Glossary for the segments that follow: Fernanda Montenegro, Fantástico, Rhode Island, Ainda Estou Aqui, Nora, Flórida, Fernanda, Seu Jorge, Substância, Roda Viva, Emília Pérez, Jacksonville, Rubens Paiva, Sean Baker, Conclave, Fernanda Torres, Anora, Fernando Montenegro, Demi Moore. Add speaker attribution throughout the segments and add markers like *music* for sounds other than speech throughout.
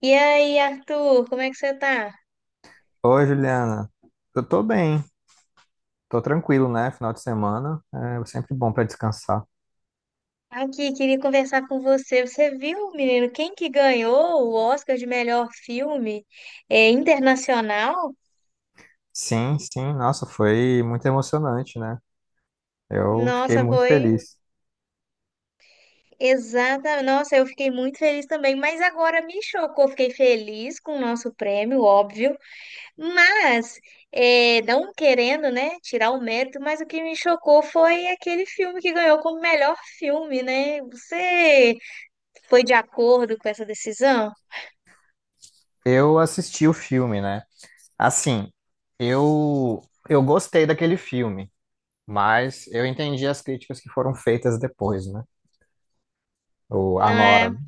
Speaker 1: E aí, Arthur, como é que você tá?
Speaker 2: Oi, Juliana. Eu tô bem, tô tranquilo, né? Final de semana é sempre bom pra descansar.
Speaker 1: Aqui, queria conversar com você. Você viu, menino, quem que ganhou o Oscar de melhor filme internacional?
Speaker 2: Sim, sim, nossa, foi muito emocionante, né? Eu fiquei
Speaker 1: Nossa,
Speaker 2: muito
Speaker 1: foi
Speaker 2: feliz.
Speaker 1: exata. Nossa, eu fiquei muito feliz também, mas agora me chocou. Fiquei feliz com o nosso prêmio, óbvio, mas não querendo, né, tirar o mérito, mas o que me chocou foi aquele filme que ganhou como melhor filme, né? Você foi de acordo com essa decisão?
Speaker 2: Eu assisti o filme, né? Assim, eu eu gostei daquele filme, mas eu entendi as críticas que foram feitas depois, né? O
Speaker 1: Não
Speaker 2: a Nora.
Speaker 1: é?
Speaker 2: Né?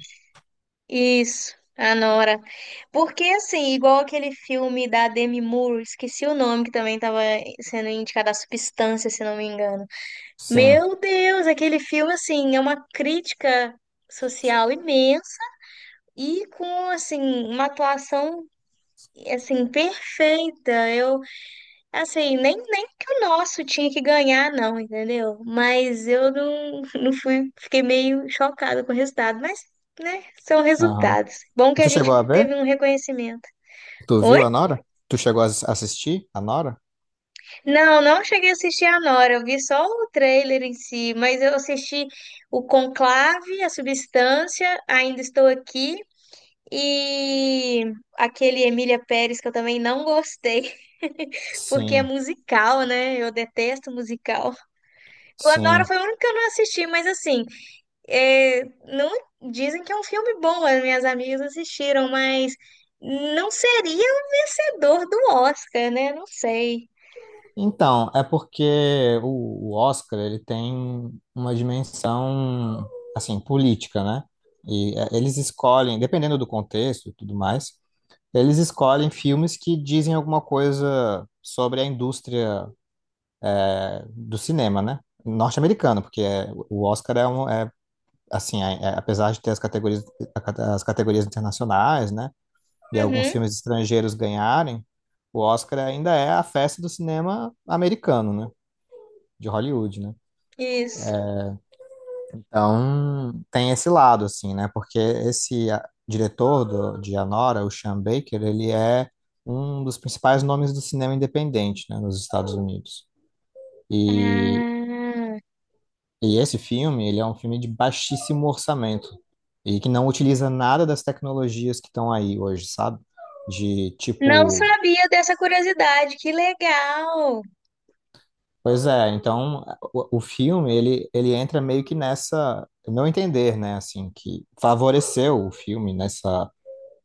Speaker 1: Isso, a Nora. Porque, assim, igual aquele filme da Demi Moore, esqueci o nome, que também estava sendo indicado a Substância, se não me engano.
Speaker 2: Sim.
Speaker 1: Meu Deus, aquele filme, assim, é uma crítica social imensa e com, assim, uma atuação, assim, perfeita. Eu assim, nem que o nosso tinha que ganhar, não, entendeu? Mas eu não fui, fiquei meio chocada com o resultado, mas, né, são
Speaker 2: Aham.
Speaker 1: resultados. Bom que a
Speaker 2: Tu
Speaker 1: gente
Speaker 2: chegou a
Speaker 1: teve
Speaker 2: ver?
Speaker 1: um reconhecimento.
Speaker 2: Tu viu
Speaker 1: Oi?
Speaker 2: a Nora? Tu chegou a assistir a Nora?
Speaker 1: Não cheguei a assistir a Nora, eu vi só o trailer em si, mas eu assisti o Conclave, a Substância, Ainda Estou Aqui e aquele Emília Pérez que eu também não gostei, *laughs* porque é
Speaker 2: Sim,
Speaker 1: musical, né? Eu detesto musical. Clanora
Speaker 2: sim.
Speaker 1: foi o único que eu não assisti, mas assim, é, não dizem que é um filme bom, as minhas amigas assistiram, mas não seria o vencedor do Oscar, né? Não sei.
Speaker 2: Então, é porque o Oscar ele tem uma dimensão assim política, né? Eles escolhem, dependendo do contexto e tudo mais, eles escolhem filmes que dizem alguma coisa sobre a indústria do cinema, né? Norte-americano, porque o Oscar é assim, apesar de ter as categorias, as categorias internacionais, né? E alguns
Speaker 1: Uhum,
Speaker 2: filmes estrangeiros ganharem, o Oscar ainda é a festa do cinema americano, né? De Hollywood, né?
Speaker 1: isso.
Speaker 2: Então, tem esse lado, assim, né? Porque esse diretor de Anora, o Sean Baker, ele é um dos principais nomes do cinema independente, né, nos Estados Unidos. E,
Speaker 1: Ah,
Speaker 2: e esse filme, ele é um filme de baixíssimo orçamento e que não utiliza nada das tecnologias que estão aí hoje, sabe? De
Speaker 1: não
Speaker 2: tipo...
Speaker 1: sabia dessa curiosidade, que legal.
Speaker 2: Pois é, então o filme, ele entra meio que nessa... no Meu entender, né? Assim, que favoreceu o filme nessa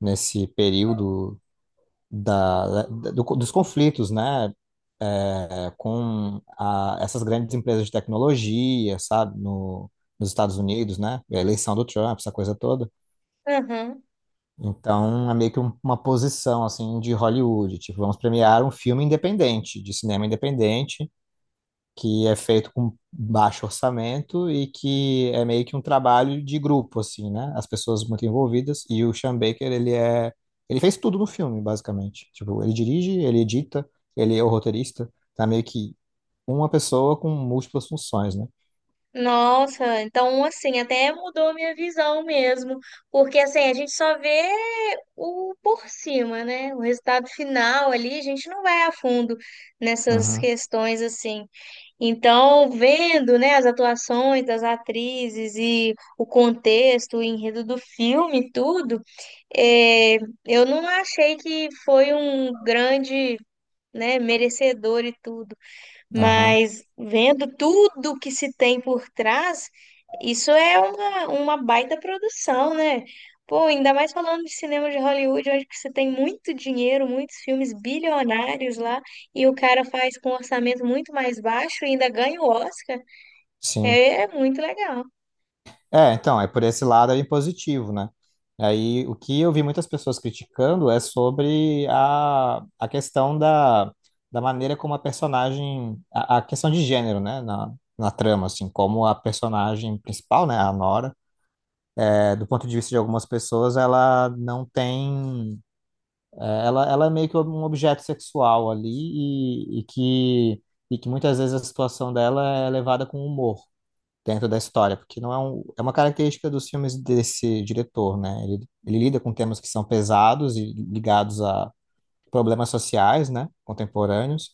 Speaker 2: nesse período dos conflitos, né, com essas grandes empresas de tecnologia, sabe, no, nos Estados Unidos, né, a eleição do Trump, essa coisa toda.
Speaker 1: Uhum.
Speaker 2: Então, é meio que uma posição, assim, de Hollywood, tipo, vamos premiar um filme independente, de cinema independente, que é feito com baixo orçamento e que é meio que um trabalho de grupo, assim, né? As pessoas muito envolvidas e o Sean Baker, ele é... Ele fez tudo no filme, basicamente. Tipo, ele dirige, ele edita, ele é o roteirista. Tá meio que uma pessoa com múltiplas funções, né?
Speaker 1: Nossa, então assim, até mudou a minha visão mesmo, porque assim, a gente só vê o por cima, né? O resultado final ali, a gente não vai a fundo nessas
Speaker 2: Aham,
Speaker 1: questões assim. Então, vendo, né, as atuações das atrizes e o contexto, o enredo do filme, e tudo, eh, eu não achei que foi um grande, né, merecedor e tudo.
Speaker 2: aham,
Speaker 1: Mas vendo tudo que se tem por trás, isso é uma baita produção, né? Pô, ainda mais falando de cinema de Hollywood, onde que você tem muito dinheiro, muitos filmes bilionários lá, e o cara faz com um orçamento muito mais baixo e ainda ganha o Oscar.
Speaker 2: sim.
Speaker 1: É, é muito legal.
Speaker 2: É, então, é por esse lado aí positivo, né? Aí o que eu vi muitas pessoas criticando é sobre a questão da maneira como a personagem, a questão de gênero, né? Na trama, assim, como a personagem principal, né, a Nora, é, do ponto de vista de algumas pessoas, ela não tem, ela é meio que um objeto sexual ali e, e que, e que muitas vezes a situação dela é levada com humor dentro da história, porque não é, é uma característica dos filmes desse diretor, né? Ele lida com temas que são pesados e ligados a problemas sociais, né? Contemporâneos,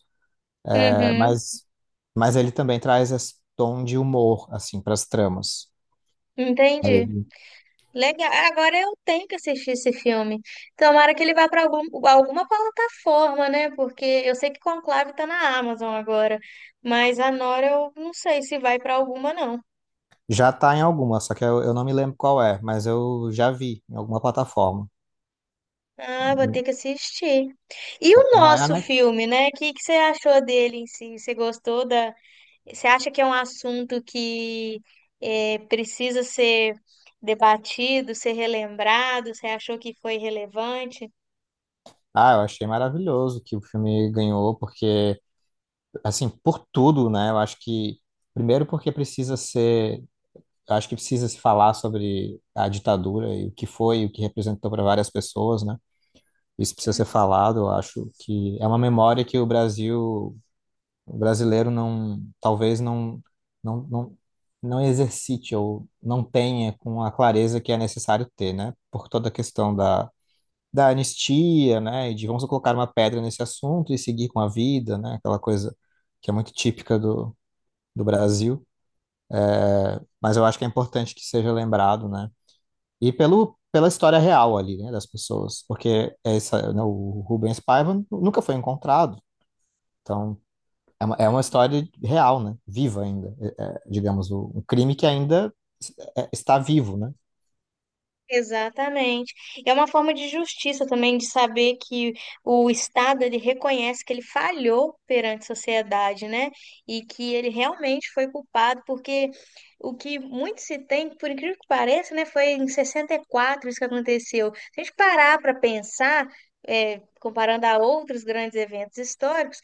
Speaker 2: é,
Speaker 1: Uhum,
Speaker 2: mas, mas ele também traz esse tom de humor, assim, para as tramas.
Speaker 1: entendi.
Speaker 2: Aí,
Speaker 1: Legal. Agora eu tenho que assistir esse filme. Tomara que ele vá para algum, alguma plataforma, né? Porque eu sei que Conclave tá na Amazon agora, mas a Nora eu não sei se vai para alguma, não.
Speaker 2: já tá em alguma, só que eu não me lembro qual é, mas eu já vi em alguma plataforma.
Speaker 1: Ah, vou ter que assistir. E
Speaker 2: Só-
Speaker 1: o
Speaker 2: Não é a
Speaker 1: nosso
Speaker 2: Netflix.
Speaker 1: filme, né? O que, que você achou dele em si? Você gostou da. Você acha que é um assunto que precisa ser debatido, ser relembrado? Você achou que foi relevante?
Speaker 2: Ah, eu achei maravilhoso que o filme ganhou, porque, assim, por tudo, né? Eu acho que, primeiro, porque precisa ser acho que precisa se falar sobre a ditadura e o que foi, e o que representou para várias pessoas, né? Isso precisa ser falado. Eu acho que é uma memória que o Brasil, o brasileiro não, talvez não não exercite ou não tenha com a clareza que é necessário ter, né? Por toda a questão da anistia, né? E de vamos colocar uma pedra nesse assunto e seguir com a vida, né? Aquela coisa que é muito típica do Brasil. Mas eu acho que é importante que seja lembrado, né? E pelo, pela história real ali, né, das pessoas, porque essa, né, o Rubens Paiva nunca foi encontrado, então é uma história real, né, viva ainda, digamos, um crime que ainda está vivo, né?
Speaker 1: Exatamente. É uma forma de justiça também de saber que o Estado ele reconhece que ele falhou perante a sociedade, né? E que ele realmente foi culpado, porque o que muito se tem, por incrível que pareça, né, foi em 64 isso que aconteceu. Se a gente parar para pensar, comparando a outros grandes eventos históricos,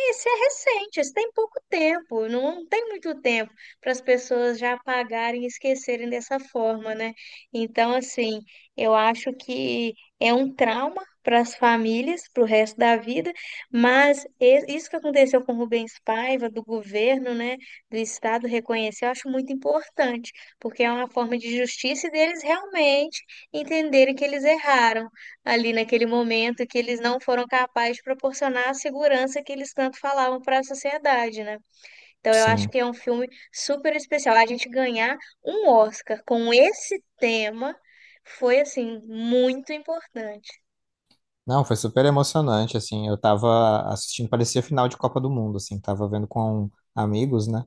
Speaker 1: esse é recente, esse tem pouco tempo, não tem muito tempo para as pessoas já apagarem e esquecerem dessa forma, né? Então, assim, eu acho que é um trauma para as famílias, para o resto da vida, mas isso que aconteceu com Rubens Paiva, do governo, né, do Estado reconhecer, eu acho muito importante, porque é uma forma de justiça e deles realmente entenderem que eles erraram ali naquele momento que eles não foram capazes de proporcionar a segurança que eles tanto falavam para a sociedade, né? Então eu acho
Speaker 2: Sim.
Speaker 1: que é um filme super especial. A gente ganhar um Oscar com esse tema foi assim muito importante.
Speaker 2: Não, foi super emocionante, assim, eu tava assistindo, parecia final de Copa do Mundo, assim, tava vendo com amigos, né,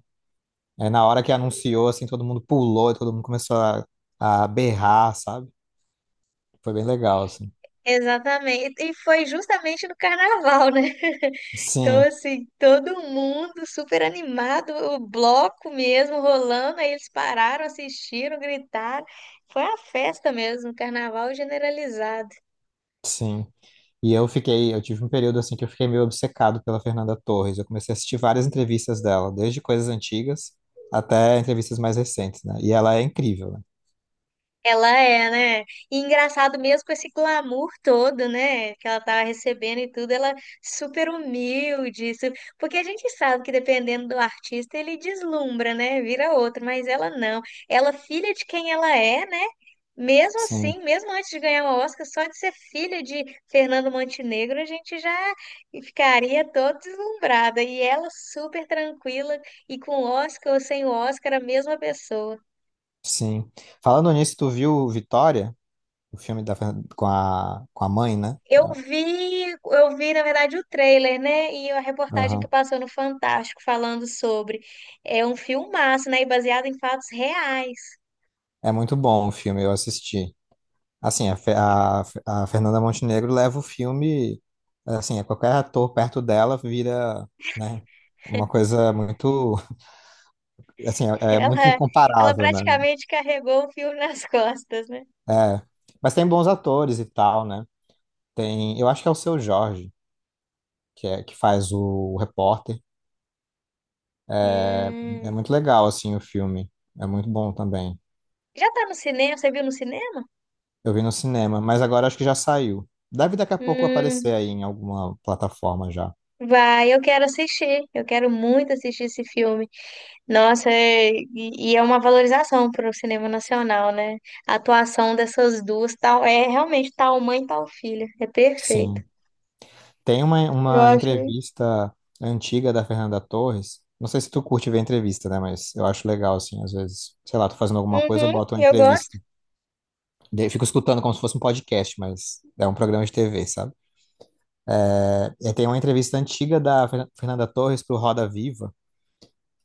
Speaker 2: na hora que anunciou, assim, todo mundo pulou, todo mundo começou a berrar, sabe? Foi bem legal, assim.
Speaker 1: Exatamente. E foi justamente no carnaval, né? Então,
Speaker 2: Sim,
Speaker 1: assim, todo mundo super animado, o bloco mesmo rolando, aí eles pararam, assistiram, gritaram. Foi uma festa mesmo, um carnaval generalizado.
Speaker 2: sim. E eu fiquei, eu tive um período assim que eu fiquei meio obcecado pela Fernanda Torres. Eu comecei a assistir várias entrevistas dela, desde coisas antigas até entrevistas mais recentes, né? E ela é incrível, né?
Speaker 1: Ela é, né? E engraçado mesmo com esse glamour todo, né? Que ela tava recebendo e tudo, ela super humilde, porque a gente sabe que dependendo do artista ele deslumbra, né? Vira outro, mas ela não. Ela filha de quem ela é, né? Mesmo
Speaker 2: Sim,
Speaker 1: assim, mesmo antes de ganhar o Oscar, só de ser filha de Fernando Montenegro, a gente já ficaria todo deslumbrada. E ela super tranquila e com o Oscar ou sem o Oscar, a mesma pessoa.
Speaker 2: sim. Falando nisso, tu viu Vitória, o filme com com a mãe, né?
Speaker 1: Eu vi, na verdade, o trailer, né? E a reportagem que
Speaker 2: Aham.
Speaker 1: passou no Fantástico falando sobre. É um filmaço, né? E baseado em fatos reais.
Speaker 2: É muito bom o filme, eu assisti. Assim, a Fernanda Montenegro leva o filme, assim, a qualquer ator perto dela vira, né? Uma coisa muito, assim,
Speaker 1: *laughs*
Speaker 2: é muito
Speaker 1: Ela, ela
Speaker 2: incomparável, né?
Speaker 1: praticamente carregou o filme nas *laughs* costas, né?
Speaker 2: É, mas tem bons atores e tal, né? Tem, eu acho que é o Seu Jorge, que é que faz o, repórter. É é
Speaker 1: Hum.
Speaker 2: muito legal assim o filme. É muito bom também.
Speaker 1: Já tá no cinema? Você viu no cinema?
Speaker 2: Eu vi no cinema, mas agora acho que já saiu. Deve daqui a pouco
Speaker 1: Hum,
Speaker 2: aparecer aí em alguma plataforma já.
Speaker 1: vai, eu quero assistir. Eu quero muito assistir esse filme. Nossa, e é uma valorização para o cinema nacional, né? A atuação dessas duas, tal, é realmente tal mãe, tal filha. É perfeito.
Speaker 2: Sim. Tem
Speaker 1: Eu
Speaker 2: uma
Speaker 1: achei.
Speaker 2: entrevista antiga da Fernanda Torres. Não sei se tu curte ver entrevista, né? Mas eu acho legal, assim, às vezes. Sei lá, tô fazendo alguma coisa, eu
Speaker 1: Uhum,
Speaker 2: boto uma
Speaker 1: eu gosto.
Speaker 2: entrevista. Daí eu fico escutando como se fosse um podcast, mas é um programa de TV, sabe? É, tem uma entrevista antiga da Fernanda Torres pro Roda Viva,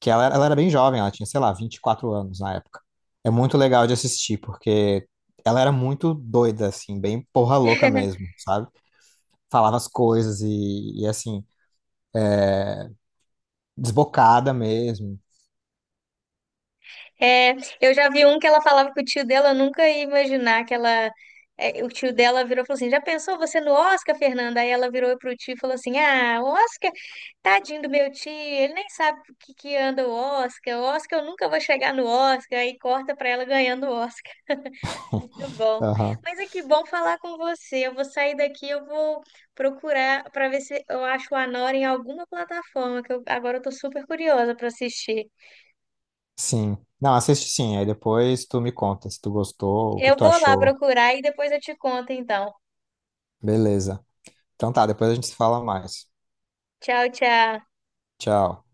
Speaker 2: que ela era bem jovem, ela tinha, sei lá, 24 anos na época. É muito legal de assistir, porque ela era muito doida, assim, bem porra louca
Speaker 1: *laughs*
Speaker 2: mesmo, sabe? Falava as coisas assim, desbocada mesmo.
Speaker 1: É, eu já vi um que ela falava que o tio dela nunca ia imaginar que ela. É, o tio dela virou e falou assim: Já pensou você no Oscar, Fernanda? Aí ela virou pro tio e falou assim: Ah, o Oscar, tadinho do meu tio, ele nem sabe o que, que anda o Oscar, eu nunca vou chegar no Oscar. Aí corta pra ela ganhando o Oscar. Muito bom.
Speaker 2: Aham,
Speaker 1: Mas é que bom falar com você. Eu vou sair daqui, eu vou procurar para ver se eu acho o Anora em alguma plataforma, que eu, agora eu tô super curiosa para assistir.
Speaker 2: sim. Não, assiste sim, aí depois tu me conta se tu gostou, o que que
Speaker 1: Eu
Speaker 2: tu
Speaker 1: vou lá
Speaker 2: achou.
Speaker 1: procurar e depois eu te conto, então.
Speaker 2: Beleza. Então tá, depois a gente se fala mais.
Speaker 1: Tchau, tchau.
Speaker 2: Tchau.